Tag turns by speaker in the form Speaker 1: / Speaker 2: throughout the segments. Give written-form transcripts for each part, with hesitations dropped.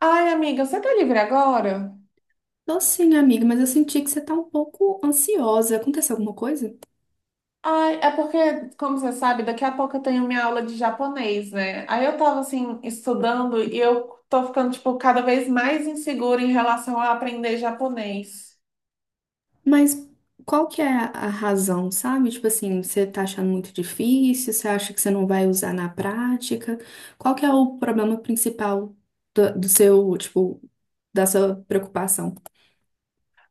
Speaker 1: Ai, amiga, você tá livre agora?
Speaker 2: Tô sim, amiga, mas eu senti que você tá um pouco ansiosa. Aconteceu alguma coisa?
Speaker 1: Ai, é porque, como você sabe, daqui a pouco eu tenho minha aula de japonês, né? Aí eu tava assim, estudando e eu tô ficando, tipo, cada vez mais insegura em relação a aprender japonês.
Speaker 2: Mas qual que é a razão, sabe? Tipo assim, você tá achando muito difícil, você acha que você não vai usar na prática? Qual que é o problema principal do seu, tipo, da sua preocupação?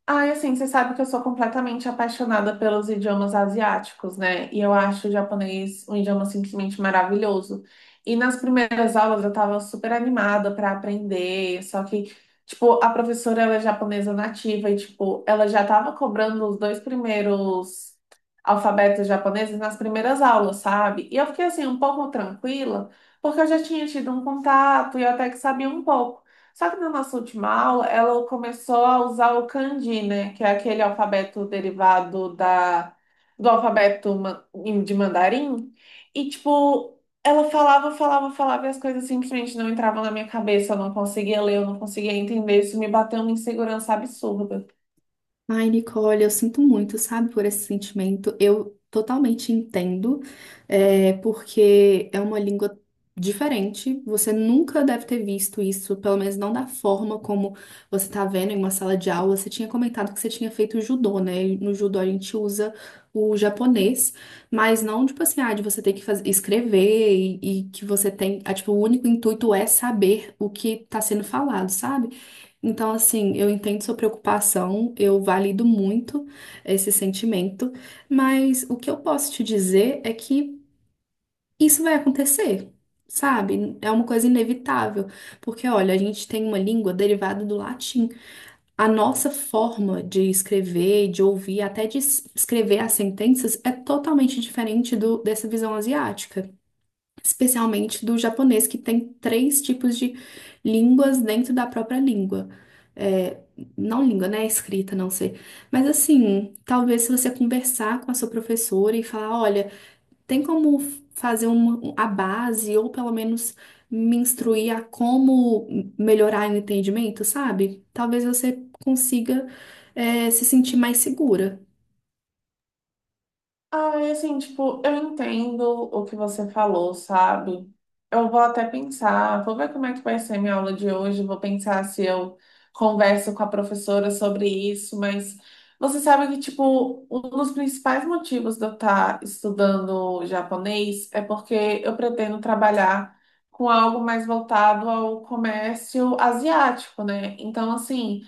Speaker 1: Ai, assim, você sabe que eu sou completamente apaixonada pelos idiomas asiáticos, né? E eu acho o japonês um idioma simplesmente maravilhoso. E nas primeiras aulas eu tava super animada para aprender, só que, tipo, a professora ela é japonesa nativa e, tipo, ela já tava cobrando os dois primeiros alfabetos japoneses nas primeiras aulas, sabe? E eu fiquei, assim, um pouco tranquila, porque eu já tinha tido um contato e eu até que sabia um pouco. Só que na nossa última aula, ela começou a usar o kanji, né? Que é aquele alfabeto derivado do alfabeto de mandarim. E, tipo, ela falava, falava, falava e as coisas simplesmente não entravam na minha cabeça. Eu não conseguia ler, eu não conseguia entender. Isso me bateu uma insegurança absurda.
Speaker 2: Ai, Nicole, eu sinto muito, sabe, por esse sentimento. Eu totalmente entendo, é, porque é uma língua diferente. Você nunca deve ter visto isso, pelo menos não da forma como você está vendo em uma sala de aula. Você tinha comentado que você tinha feito judô, né? E no judô a gente usa o japonês, mas não tipo assim, ah, de você ter que escrever e que você tem, tipo, o único intuito é saber o que está sendo falado, sabe? Então, assim, eu entendo sua preocupação, eu valido muito esse sentimento, mas o que eu posso te dizer é que isso vai acontecer, sabe? É uma coisa inevitável, porque olha, a gente tem uma língua derivada do latim. A nossa forma de escrever, de ouvir, até de escrever as sentenças é totalmente diferente dessa visão asiática especialmente do japonês, que tem três tipos de línguas dentro da própria língua. É, não língua, né? Escrita, não sei. Mas assim, talvez se você conversar com a sua professora e falar, olha, tem como fazer a base, ou pelo menos me instruir a como melhorar o entendimento, sabe? Talvez você consiga, se sentir mais segura.
Speaker 1: Ai, assim, tipo, eu entendo o que você falou, sabe? Eu vou até pensar, vou ver como é que vai ser minha aula de hoje, vou pensar se eu converso com a professora sobre isso, mas você sabe que, tipo, um dos principais motivos de eu estar estudando japonês é porque eu pretendo trabalhar com algo mais voltado ao comércio asiático, né? Então, assim,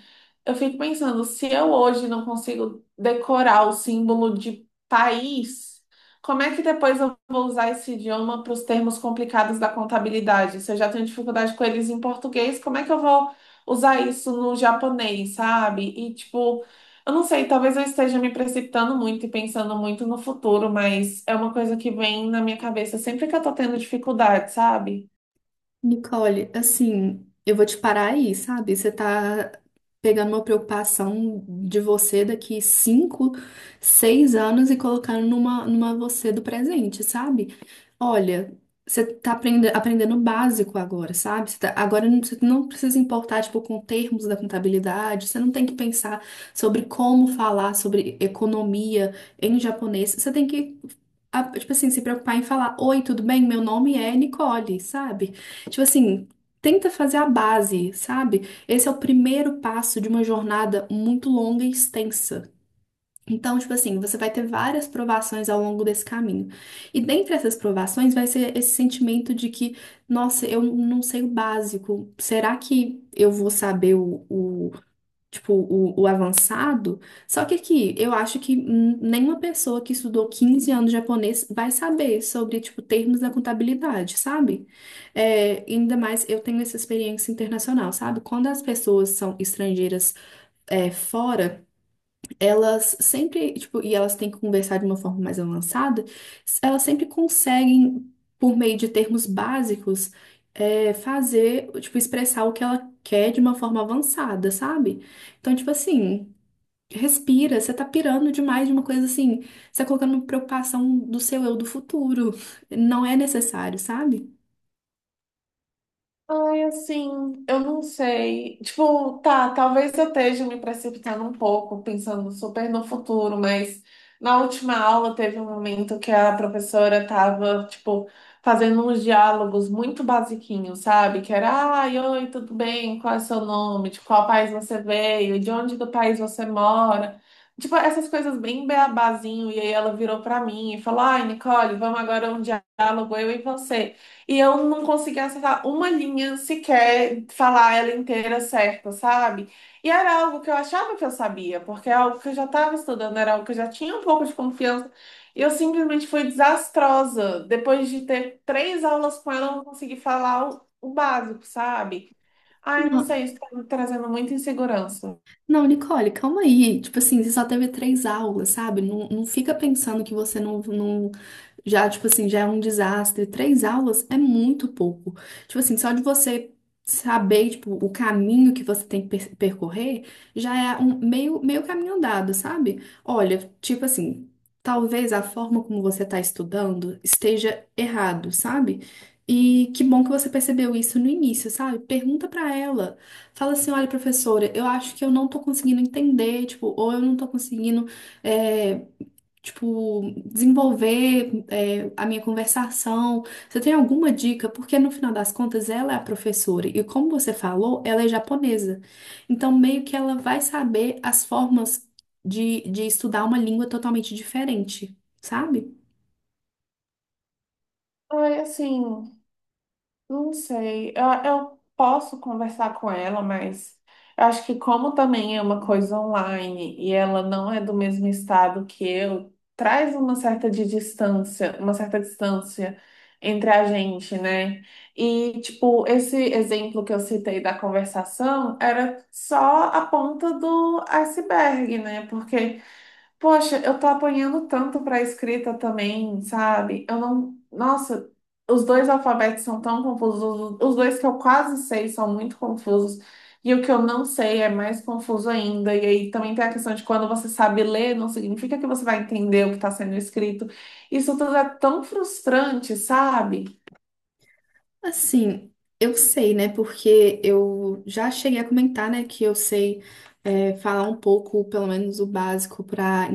Speaker 1: eu fico pensando, se eu hoje não consigo decorar o símbolo de país, como é que depois eu vou usar esse idioma para os termos complicados da contabilidade? Se eu já tenho dificuldade com eles em português, como é que eu vou usar isso no japonês, sabe? E tipo, eu não sei, talvez eu esteja me precipitando muito e pensando muito no futuro, mas é uma coisa que vem na minha cabeça sempre que eu tô tendo dificuldade, sabe?
Speaker 2: Nicole, assim, eu vou te parar aí, sabe? Você tá pegando uma preocupação de você daqui 5, 6 anos e colocando numa você do presente, sabe? Olha, você tá aprendendo o básico agora, sabe? Você não precisa importar, tipo, com termos da contabilidade, você não tem que pensar sobre como falar sobre economia em japonês, você tem que, tipo assim, se preocupar em falar, Oi, tudo bem? Meu nome é Nicole, sabe? Tipo assim, tenta fazer a base, sabe? Esse é o primeiro passo de uma jornada muito longa e extensa. Então, tipo assim, você vai ter várias provações ao longo desse caminho. E dentre essas provações vai ser esse sentimento de que, nossa, eu não sei o básico. Será que eu vou saber o tipo, o avançado. Só que aqui, eu acho que nenhuma pessoa que estudou 15 anos japonês vai saber sobre, tipo, termos da contabilidade, sabe? É, ainda mais eu tenho essa experiência internacional, sabe? Quando as pessoas são estrangeiras fora elas sempre, tipo, e elas têm que conversar de uma forma mais avançada, elas sempre conseguem, por meio de termos básicos, fazer, tipo, expressar o que ela quer de uma forma avançada, sabe? Então, tipo assim, respira, você tá pirando demais de uma coisa assim, você tá colocando preocupação do seu eu do futuro. Não é necessário, sabe?
Speaker 1: Ai, assim, eu não sei. Tipo, tá, talvez eu esteja me precipitando um pouco, pensando super no futuro, mas na última aula teve um momento que a professora tava, tipo, fazendo uns diálogos muito basiquinhos, sabe? Que era, ai, oi, tudo bem? Qual é o seu nome? De qual país você veio? De onde do país você mora? Tipo, essas coisas bem beabazinho. E aí ela virou pra mim e falou, ai, Nicole, vamos agora um diálogo, eu e você. E eu não conseguia acertar uma linha sequer, falar ela inteira certa, sabe? E era algo que eu achava que eu sabia, porque é algo que eu já estava estudando, era algo que eu já tinha um pouco de confiança. E eu simplesmente fui desastrosa. Depois de ter 3 aulas com ela, eu não consegui falar o básico, sabe? Ai, não
Speaker 2: Não.
Speaker 1: sei, isso tá me trazendo muita insegurança.
Speaker 2: Não, Nicole, calma aí. Tipo assim, você só teve três aulas, sabe? Não, não fica pensando que você não, não. Já, tipo assim, já é um desastre. Três aulas é muito pouco. Tipo assim, só de você saber, tipo, o caminho que você tem que percorrer, já é um meio, meio caminho andado, sabe? Olha, tipo assim, talvez a forma como você tá estudando esteja errado, sabe? E que bom que você percebeu isso no início, sabe? Pergunta pra ela. Fala assim, olha, professora, eu acho que eu não tô conseguindo entender, tipo, ou eu não tô conseguindo, é, tipo, desenvolver, a minha conversação. Você tem alguma dica? Porque no final das contas ela é a professora e como você falou, ela é japonesa. Então meio que ela vai saber as formas de estudar uma língua totalmente diferente, sabe?
Speaker 1: Ai, assim. Não sei, eu posso conversar com ela, mas eu acho que como também é uma coisa online e ela não é do mesmo estado que eu, traz uma certa de distância, uma certa distância entre a gente, né? E tipo, esse exemplo que eu citei da conversação era só a ponta do iceberg, né? Porque poxa, eu tô apanhando tanto pra escrita também, sabe? Eu não. Nossa, os dois alfabetos são tão confusos. Os dois que eu quase sei são muito confusos. E o que eu não sei é mais confuso ainda. E aí também tem a questão de quando você sabe ler, não significa que você vai entender o que está sendo escrito. Isso tudo é tão frustrante, sabe?
Speaker 2: Assim, eu sei, né? Porque eu já cheguei a comentar, né, que eu sei falar um pouco, pelo menos o básico para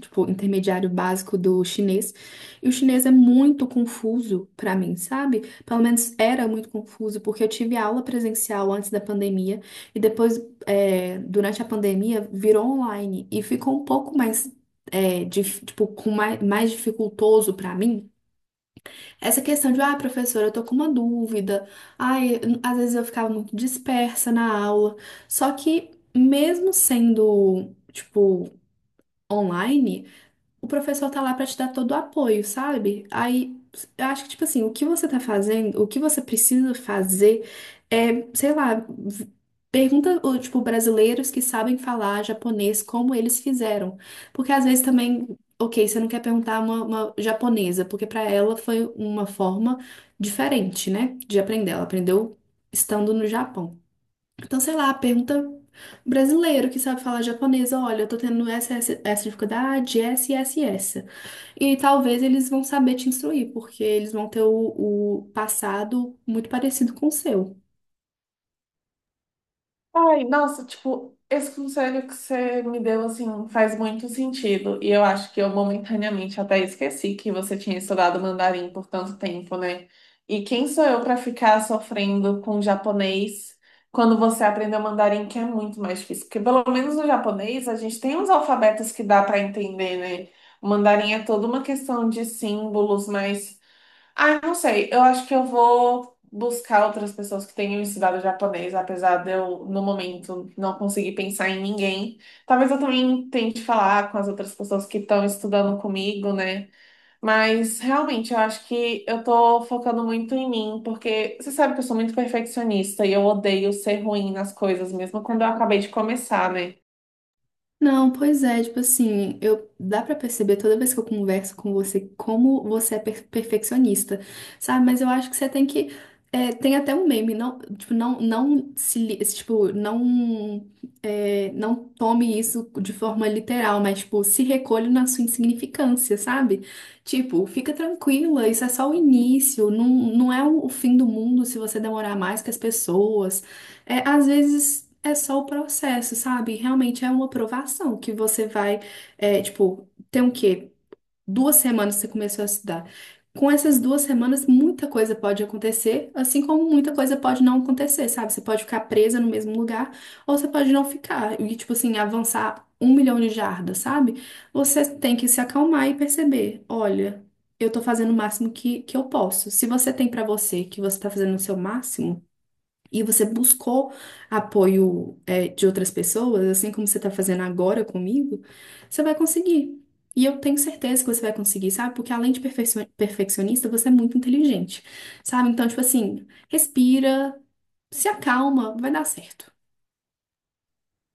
Speaker 2: tipo, intermediário básico do chinês. E o chinês é muito confuso para mim, sabe? Pelo menos era muito confuso, porque eu tive aula presencial antes da pandemia e depois, durante a pandemia, virou online e ficou um pouco mais, tipo, com mais dificultoso para mim essa questão de, ah, professora, eu tô com uma dúvida. Ai, às vezes eu ficava muito dispersa na aula. Só que, mesmo sendo, tipo, online, o professor tá lá pra te dar todo o apoio, sabe? Aí, eu acho que, tipo assim, o que você tá fazendo, o que você precisa fazer é, sei lá, pergunta, tipo, brasileiros que sabem falar japonês, como eles fizeram. Porque às vezes também, ok, você não quer perguntar uma japonesa, porque pra ela foi uma forma diferente, né, de aprender. Ela aprendeu estando no Japão. Então, sei lá, pergunta brasileiro que sabe falar japonês, olha, eu tô tendo essa, essa, essa dificuldade, essa e essa e essa. E talvez eles vão saber te instruir, porque eles vão ter o passado muito parecido com o seu.
Speaker 1: Ai, nossa, tipo, esse conselho que você me deu, assim, faz muito sentido. E eu acho que eu momentaneamente até esqueci que você tinha estudado mandarim por tanto tempo, né? E quem sou eu para ficar sofrendo com japonês quando você aprendeu mandarim, que é muito mais difícil? Porque pelo menos no japonês a gente tem uns alfabetos que dá para entender, né? O mandarim é toda uma questão de símbolos mais ah, não sei. Eu acho que eu vou buscar outras pessoas que tenham estudado japonês, apesar de eu, no momento, não conseguir pensar em ninguém. Talvez eu também tente falar com as outras pessoas que estão estudando comigo, né? Mas realmente eu acho que eu tô focando muito em mim, porque você sabe que eu sou muito perfeccionista e eu odeio ser ruim nas coisas, mesmo quando eu acabei de começar, né?
Speaker 2: Não, pois é, tipo assim, eu dá pra perceber toda vez que eu converso com você como você é perfeccionista, sabe? Mas eu acho que você tem que tem até um meme, não, tipo, não, não se, tipo, não é, não tome isso de forma literal, mas tipo, se recolhe na sua insignificância, sabe? Tipo, fica tranquila, isso é só o início, não, não é o fim do mundo se você demorar mais que as pessoas. É, às vezes é só o processo, sabe? Realmente é uma aprovação que você vai, tipo, tem o quê? 2 semanas que você começou a estudar. Com essas 2 semanas, muita coisa pode acontecer, assim como muita coisa pode não acontecer, sabe? Você pode ficar presa no mesmo lugar, ou você pode não ficar e, tipo assim, avançar 1 milhão de jardas, sabe? Você tem que se acalmar e perceber, olha, eu tô fazendo o máximo que eu posso. Se você tem pra você que você tá fazendo o seu máximo, e você buscou apoio, de outras pessoas, assim como você está fazendo agora comigo, você vai conseguir. E eu tenho certeza que você vai conseguir, sabe? Porque além de perfeccionista, você é muito inteligente, sabe? Então, tipo assim, respira, se acalma, vai dar certo.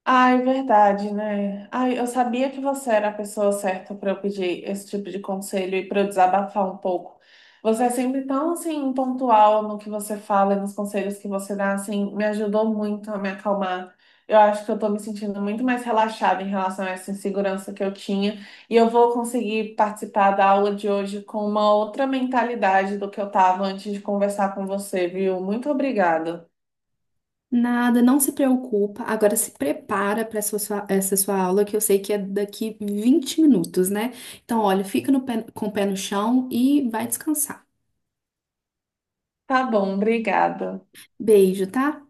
Speaker 1: Ai, verdade, né? Ai, eu sabia que você era a pessoa certa para eu pedir esse tipo de conselho e para eu desabafar um pouco. Você é sempre tão assim pontual no que você fala e nos conselhos que você dá, assim, me ajudou muito a me acalmar. Eu acho que eu tô me sentindo muito mais relaxada em relação a essa insegurança que eu tinha e eu vou conseguir participar da aula de hoje com uma outra mentalidade do que eu tava antes de conversar com você, viu? Muito obrigada.
Speaker 2: Nada, não se preocupa. Agora se prepara para essa sua aula, que eu sei que é daqui 20 minutos, né? Então, olha, fica no pé- com o pé no chão e vai descansar.
Speaker 1: Tá bom, obrigada.
Speaker 2: Beijo, tá?